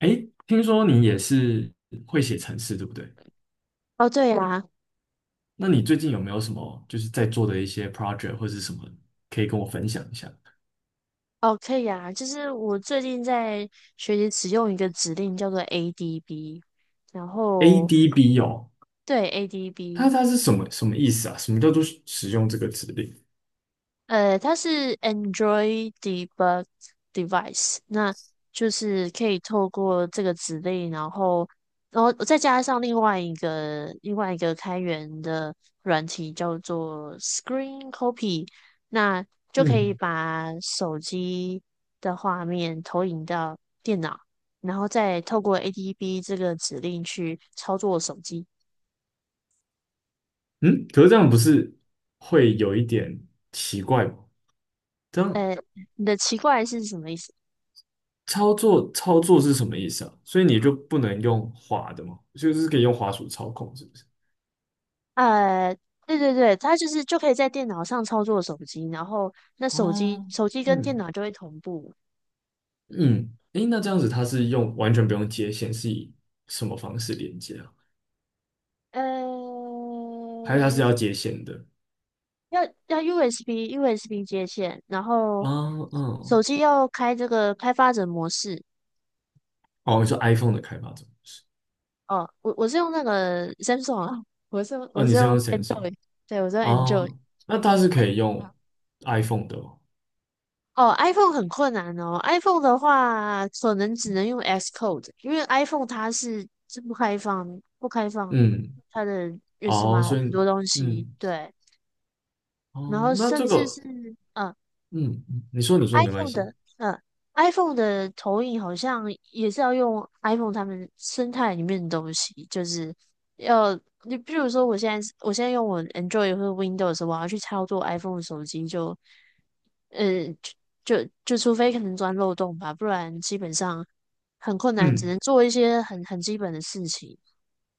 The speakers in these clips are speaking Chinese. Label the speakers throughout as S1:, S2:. S1: 诶，听说你也是会写程式，对不对？
S2: 哦，对呀。
S1: 那你最近有没有什么就是在做的一些 project 或是什么可以跟我分享一下
S2: 哦，可以呀，就是我最近在学习使用一个指令叫做 ADB，然后
S1: ？ADB 哦，
S2: 对，
S1: 它
S2: ADB。
S1: 它是什么意思啊？什么叫做使用这个指令？
S2: 它是 Android debug device，那就是可以透过这个指令，然后再加上另外一个开源的软体叫做 Screen Copy，那就可以
S1: 嗯
S2: 把手机的画面投影到电脑，然后再透过 ADB 这个指令去操作手机。
S1: 嗯，可是这样不是会有一点奇怪吗？这样
S2: 呃，你的奇怪是什么意思？
S1: 操作操作是什么意思啊？所以你就不能用滑的吗？就是可以用滑鼠操控，是不是？
S2: 呃，对对对，它就是就可以在电脑上操作手机，然后那手机
S1: 哦，
S2: 手机跟电
S1: 嗯。
S2: 脑就会同步。
S1: 嗯，诶，那这样子它是用完全不用接线，是以什么方式连接啊？
S2: 呃，
S1: 还是它是要接线的？
S2: 要 USB 接线，然
S1: 啊，
S2: 后
S1: 嗯，
S2: 手机要开这个开发者模式。
S1: 哦，你说 iPhone 的开发者是？
S2: 哦，我是用那个 Samsung 啊，我是用
S1: 哦，
S2: 我
S1: 你
S2: 是
S1: 是
S2: 用
S1: 用 Samsung
S2: Android。对，我是用 Android。
S1: 哦，那它是可以用 iPhone 的哦。
S2: 哦，iPhone 很困难哦。iPhone 的话，可能只能用 Xcode，因为 iPhone 它是不开放
S1: 嗯，
S2: 它的认识
S1: 哦，
S2: 码
S1: 所
S2: 哦
S1: 以，
S2: 很多东西。
S1: 嗯，
S2: 对，然后
S1: 哦，那
S2: 甚
S1: 这
S2: 至是
S1: 个，嗯，你说没关
S2: iPhone
S1: 系。
S2: 的，嗯，iPhone 的投影好像也是要用 iPhone 他们生态里面的东西，就是要你比如说，我现在用我 Android 或者 Windows，我要去操作 iPhone 的手机就，嗯，就除非可能钻漏洞吧，不然基本上很困难，只
S1: 嗯
S2: 能做一些很基本的事情。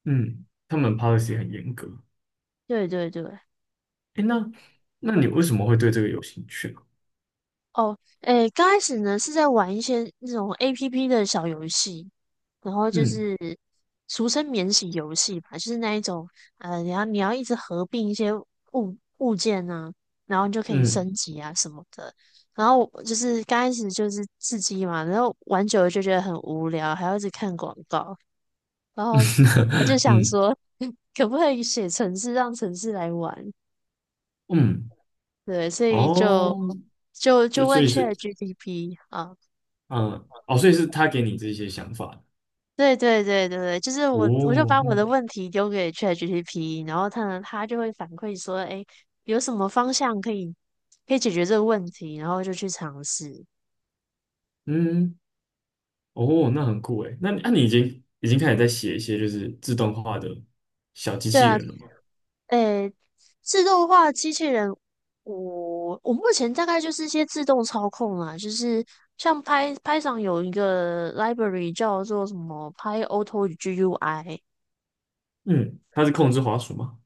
S1: 嗯，他们 policy 很严格。
S2: 对对对。
S1: 诶，那你为什么会对这个有兴趣啊？
S2: 哦，诶，刚开始呢是在玩一些那种 APP 的小游戏，然后就
S1: 嗯
S2: 是俗称免洗游戏吧，就是那一种。你要一直合并一些物件啊，然后你就可以
S1: 嗯
S2: 升级啊什么的。然后我就是刚开始就是刺激嘛，然后玩久了就觉得很无聊，还要一直看广告，然后我就 想
S1: 嗯
S2: 说，可不可以写城市让城市来玩？
S1: 嗯，
S2: 对，所以就
S1: 哦。就所
S2: 问
S1: 以
S2: c h
S1: 是
S2: a t p 啊。
S1: 嗯哦，所以是他给你这些想法
S2: 对对对对对，就是我就
S1: 哦，
S2: 把我的
S1: 嗯
S2: 问题丢给 ChatGPT，然后它呢，它就会反馈说，哎，有什么方向可以解决这个问题，然后就去尝试。
S1: 嗯哦，那很酷诶。那、你已经开始在写一些就是自动化的小机
S2: 对
S1: 器
S2: 啊。
S1: 人了吗？
S2: 诶，自动化机器人，我目前大概就是一些自动操控啦，就是像 Py p y t 有一个 library 叫做什么 PyAuto GUI。
S1: 嗯，它是控制滑鼠吗？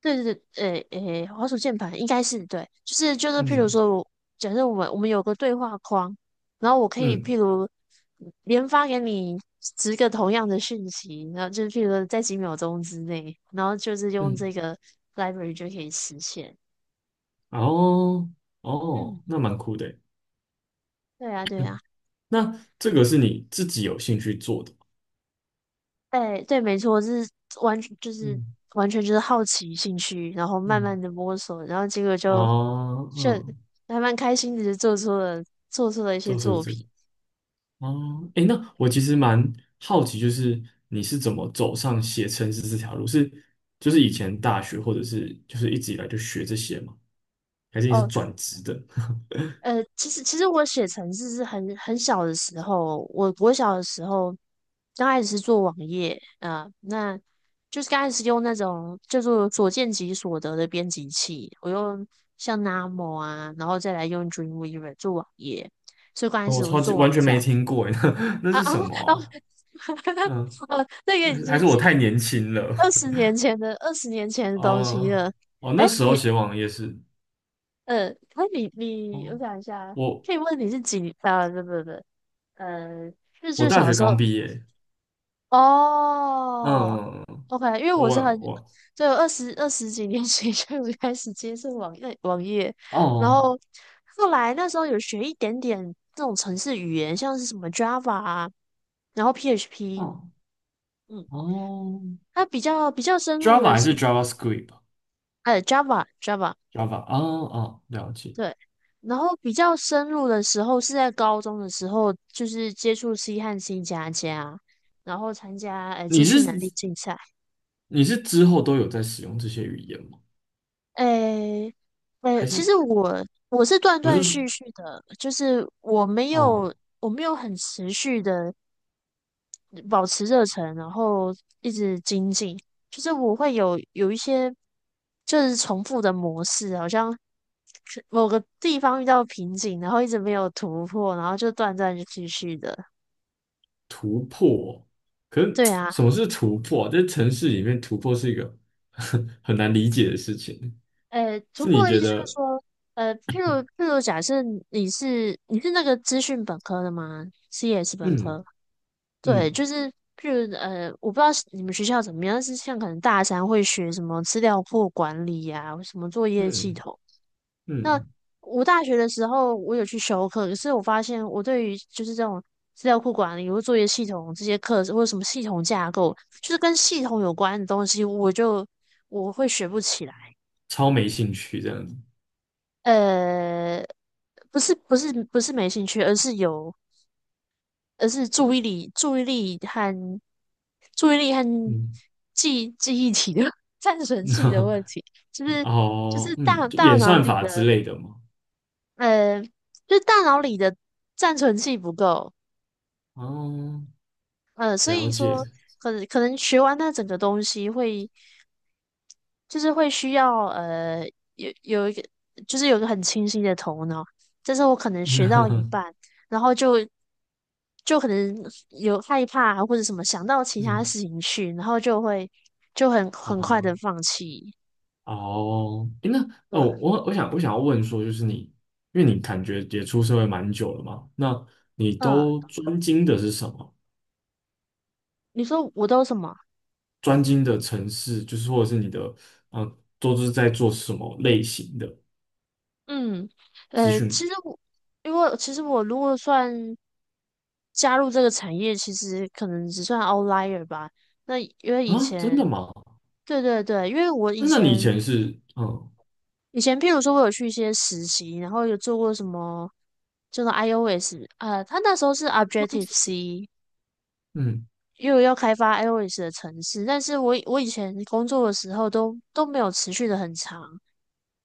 S2: 对对对。诶诶，滑鼠键盘应该是对，就是就是，譬如
S1: 嗯
S2: 说我，假设我们有个对话框，然后我可以
S1: 嗯
S2: 譬如连发给你10个同样的讯息，然后就是譬如说在几秒钟之内，然后就是用这
S1: 嗯，
S2: 个 library 就可以实现。
S1: 哦
S2: 嗯。
S1: 哦，那蛮酷的诶。
S2: 对啊，对啊。
S1: 嗯。那这个是你自己有兴趣做的吗？
S2: 对对，没错，就是完全就是
S1: 嗯
S2: 完全就是好奇兴趣，然后慢慢
S1: 嗯
S2: 的摸索，然后结果
S1: 啊
S2: 就
S1: 嗯，
S2: 还蛮开心的，就做出了一些
S1: 就是
S2: 作
S1: 这个。
S2: 品。
S1: 哦，诶，那我其实蛮好奇，就是你是怎么走上写程式这条路？是就是以前大学，或者是就是一直以来就学这些吗？还是你是
S2: 哦。
S1: 转职的？
S2: 其实我写程式是很小的时候，我小的时候刚开始是做网页。啊，那就是刚开始用那种叫做所见即所得的编辑器，我用像 Namo 啊，然后再来用 Dreamweaver 做网页，所以刚 开
S1: 哦我
S2: 始我是
S1: 超
S2: 做
S1: 级
S2: 网
S1: 完全没
S2: 站
S1: 听过，诶，那
S2: 啊啊
S1: 是
S2: 啊。
S1: 什么啊 嗯，
S2: 哦，那个
S1: 还
S2: 已
S1: 是还
S2: 经
S1: 是我
S2: 是
S1: 太年轻了？
S2: 二十年前的二十年前 的东西
S1: 哦
S2: 了。
S1: 哦，那
S2: 哎，
S1: 时候写网页是
S2: 可以我
S1: 哦，
S2: 想一下，
S1: 我
S2: 可以问你是几？啊，不不不。呃，就
S1: 我
S2: 就
S1: 大
S2: 小
S1: 学
S2: 时候。
S1: 刚毕业，嗯，
S2: 哦
S1: 嗯嗯
S2: ，OK，因为我是很，
S1: 我我
S2: 对，20几年前就有开始接触网页网，然
S1: 哦
S2: 后后来那时候有学一点点这种程式语言，像是什么 Java 啊，然后 PHP。
S1: 哦
S2: 嗯，
S1: 哦
S2: 它比较深入
S1: ，Java
S2: 的
S1: 还
S2: 是，
S1: 是 JavaScript？Java
S2: Java。
S1: 啊哦，哦了解。
S2: 对，然后比较深入的时候是在高中的时候，就是接触西汉、新加加，然后参加资
S1: 你
S2: 讯能
S1: 是
S2: 力竞赛。
S1: 你是之后都有在使用这些语言吗？
S2: 诶诶，
S1: 还
S2: 其
S1: 是
S2: 实我是断
S1: 我是
S2: 断续
S1: 说
S2: 续的，就是我没有
S1: 哦
S2: 我没有很持续的保持热忱，然后一直精进。就是我会有一些就是重复的模式，好像是某个地方遇到瓶颈，然后一直没有突破，然后就断断续续的。
S1: 突破哦？可是
S2: 对 啊。
S1: 什么是突破啊在城市里面突破是一个 很难理解的事情。
S2: 突
S1: 是
S2: 破
S1: 你
S2: 的意
S1: 觉
S2: 思就是
S1: 得
S2: 说，呃，譬如譬如假设你是那个资讯本科的吗？CS 本
S1: 嗯
S2: 科，对，
S1: 嗯
S2: 就是譬如我不知道是你们学校怎么样，但是像可能大三会学什么资料库管理呀、什么作业系
S1: 嗯
S2: 统。那
S1: 嗯
S2: 我大学的时候，我有去修课，可是我发现我对于就是这种资料库管理或作业系统这些课，或者什么系统架构，就是跟系统有关的东西，我会学不起来。
S1: 超没兴趣这样子？
S2: 呃，不是不是不是没兴趣，而是注意力和
S1: 嗯
S2: 记忆体的 战神系的问题，就 是就是
S1: 哦
S2: 大
S1: 嗯就
S2: 大
S1: 演
S2: 脑
S1: 算
S2: 里
S1: 法
S2: 的。
S1: 之类的吗？
S2: 呃，就大脑里的暂存器不够。
S1: 哦，
S2: 所
S1: 了
S2: 以
S1: 解。
S2: 说可能学完那整个东西会，就是会需要有一个就是有一个很清晰的头脑，但是我可能学到一 半，然后就可能有害怕啊或者什么想到其他
S1: 嗯
S2: 事情去，然后就会很快的
S1: 啊。
S2: 放弃。
S1: 哦，诶那
S2: 对。
S1: 哦，我想要问说，就是你，因为你感觉也出社会蛮久了嘛，那你
S2: 嗯，
S1: 都专精的是什么？
S2: 你说我都什么？
S1: 专精的城市就是或者是你的，嗯、都是在做什么类型的
S2: 嗯，
S1: 资
S2: 呃，
S1: 讯
S2: 其实我。因为其实我如果算加入这个产业，其实可能只算 outlier 吧。那因为以
S1: 啊？真
S2: 前，
S1: 的吗？
S2: 对对对，因为我以
S1: 那你以
S2: 前
S1: 前是，嗯
S2: 譬如说我有去一些实习，然后有做过什么，就是 iOS。他那时候是 Objective C，
S1: 嗯
S2: 因为我要开发 iOS 的程式，但是我以前工作的时候都没有持续的很长，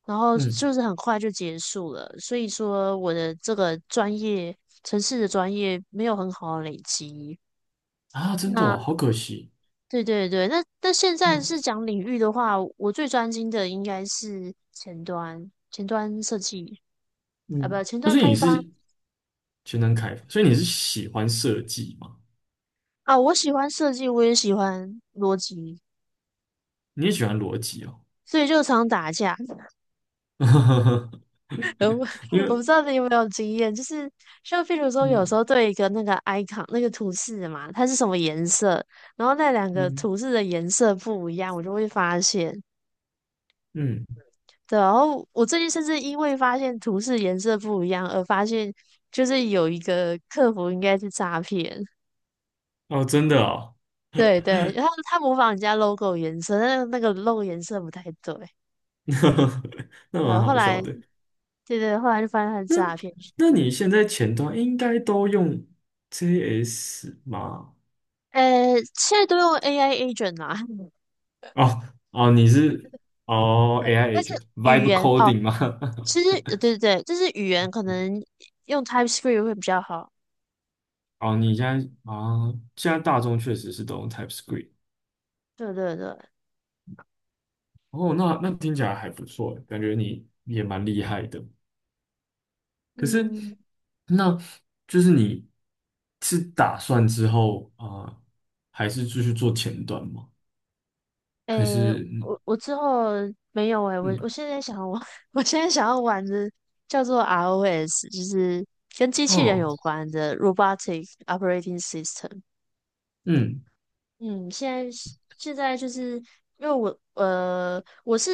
S2: 然后
S1: 嗯
S2: 就是很快就结束了，所以说我的这个专业，程式的专业没有很好的累积。
S1: 啊，真的
S2: 那
S1: 哦好可惜，
S2: 对对对。那现在
S1: 嗯
S2: 是讲领域的话，我最专精的应该是前端，前端设计啊，不，
S1: 嗯，
S2: 前
S1: 那
S2: 端
S1: 所以
S2: 开
S1: 你
S2: 发
S1: 是全能开发，所以你是喜欢设计吗？
S2: 啊。我喜欢设计，我也喜欢逻辑，
S1: 你也喜欢逻辑哦。
S2: 所以就常打架。然我
S1: 因
S2: 我不知
S1: 为
S2: 道你有没有经验，就是像譬如说，有时
S1: 嗯
S2: 候对一个那个 icon 那个图示嘛，它是什么颜色，然后那两个
S1: 嗯
S2: 图示的颜色不一样，我就会发现。
S1: 嗯，
S2: 对啊。然后我最近甚至因为发现图示颜色不一样而发现，就是有一个客服应该是诈骗。
S1: 哦，真的哦，
S2: 对对，然后他模仿人家 logo 颜色，但是那个 logo 颜色不太对。
S1: 那那
S2: 然
S1: 蛮
S2: 后后
S1: 好笑
S2: 来，
S1: 的。
S2: 对对，后来就发现他是
S1: 那
S2: 诈骗。
S1: 那
S2: 嗯。
S1: 你现在前端应该都用 JS 吗？
S2: 现在都用 AI agent 啊。
S1: 哦哦，你是哦 AI
S2: 但是
S1: agent
S2: 语
S1: vibe
S2: 言哦，
S1: coding 吗？
S2: 其实对对对，就是语言可能用 TypeScript 会比较好。
S1: 哦，你现在啊，现在大众确实是都用 TypeScript。
S2: 对对对。
S1: 哦，那听起来还不错欸，感觉你也蛮厉害的。可是，
S2: 嗯。
S1: 那就是你是打算之后啊，还是继续做前端吗？还
S2: 诶，
S1: 是嗯
S2: 我之后没有诶，我
S1: 嗯
S2: 现在想我 我现在想要玩的叫做 ROS，就是跟机器人
S1: 哦
S2: 有关的 Robotic Operating System。
S1: 嗯
S2: 嗯，现在就是因为我是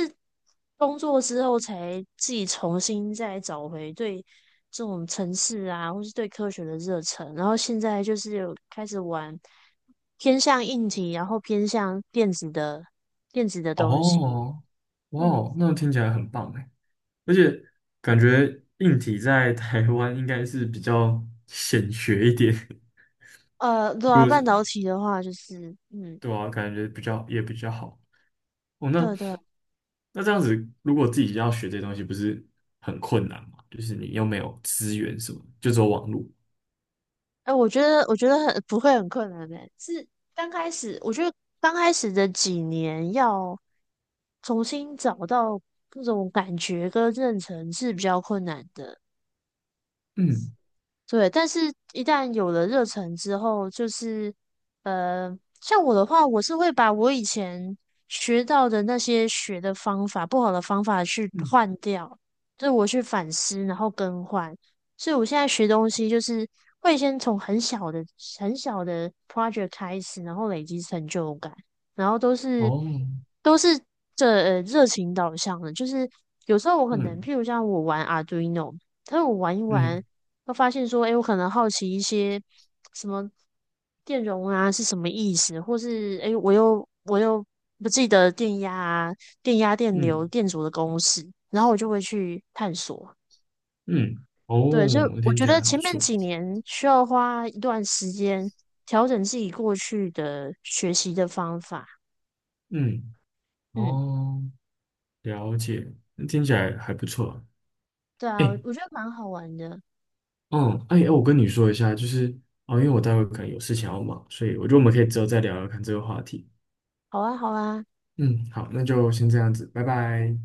S2: 工作之后才自己重新再找回对这种城市啊，或是对科学的热忱，然后现在就是有开始玩偏向硬体，然后偏向电子的东西。
S1: 哦哇
S2: 嗯，
S1: 哦，那听起来很棒哎，而且感觉硬体在台湾应该是比较显学一点，
S2: 对
S1: 如
S2: 啊，
S1: 果
S2: 半
S1: 是
S2: 导体的话就是。嗯，
S1: 对啊，感觉比较也比较好哦。那
S2: 对对，
S1: 那这样子，如果自己要学这些东西，不是很困难吗？就是你又没有资源什么，就走网路。
S2: 哎、我觉得不会很困难的、是刚开始，我觉得刚开始的几年要重新找到那种感觉跟认成是比较困难的。
S1: 嗯
S2: 对，但是一旦有了热忱之后，就是像我的话，我是会把我以前学到的那些学的方法、不好的方法去
S1: 嗯
S2: 换掉，就是我去反思，然后更换。所以我现在学东西，就是会先从很小的、很小的 project 开始，然后累积成就感，然后都是
S1: 哦
S2: 都是这热情导向的，就是有时候我可能，
S1: 嗯
S2: 譬如像我玩 Arduino。但我玩一
S1: 嗯
S2: 玩，会发现说，哎，我可能好奇一些什么电容啊是什么意思，或是哎，诶我又不记得电压、电流、
S1: 嗯
S2: 电阻的公式，然后我就会去探索。
S1: 嗯
S2: 对，所以
S1: 哦，
S2: 我
S1: 听
S2: 觉
S1: 起来
S2: 得
S1: 很
S2: 前
S1: 不
S2: 面
S1: 错。
S2: 几年需要花一段时间调整自己过去的学习的方法。
S1: 嗯，
S2: 嗯，
S1: 哦，了解，听起来还不错。
S2: 对啊，我
S1: 哎，
S2: 觉得蛮好玩的。
S1: 嗯，哎，哎我跟你说一下，就是哦，因为我待会可能有事情要忙，所以我觉得我们可以之后再聊聊看这个话题。
S2: 好啊，好啊，
S1: 嗯，好，那就先这样子，拜拜。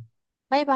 S2: 拜拜。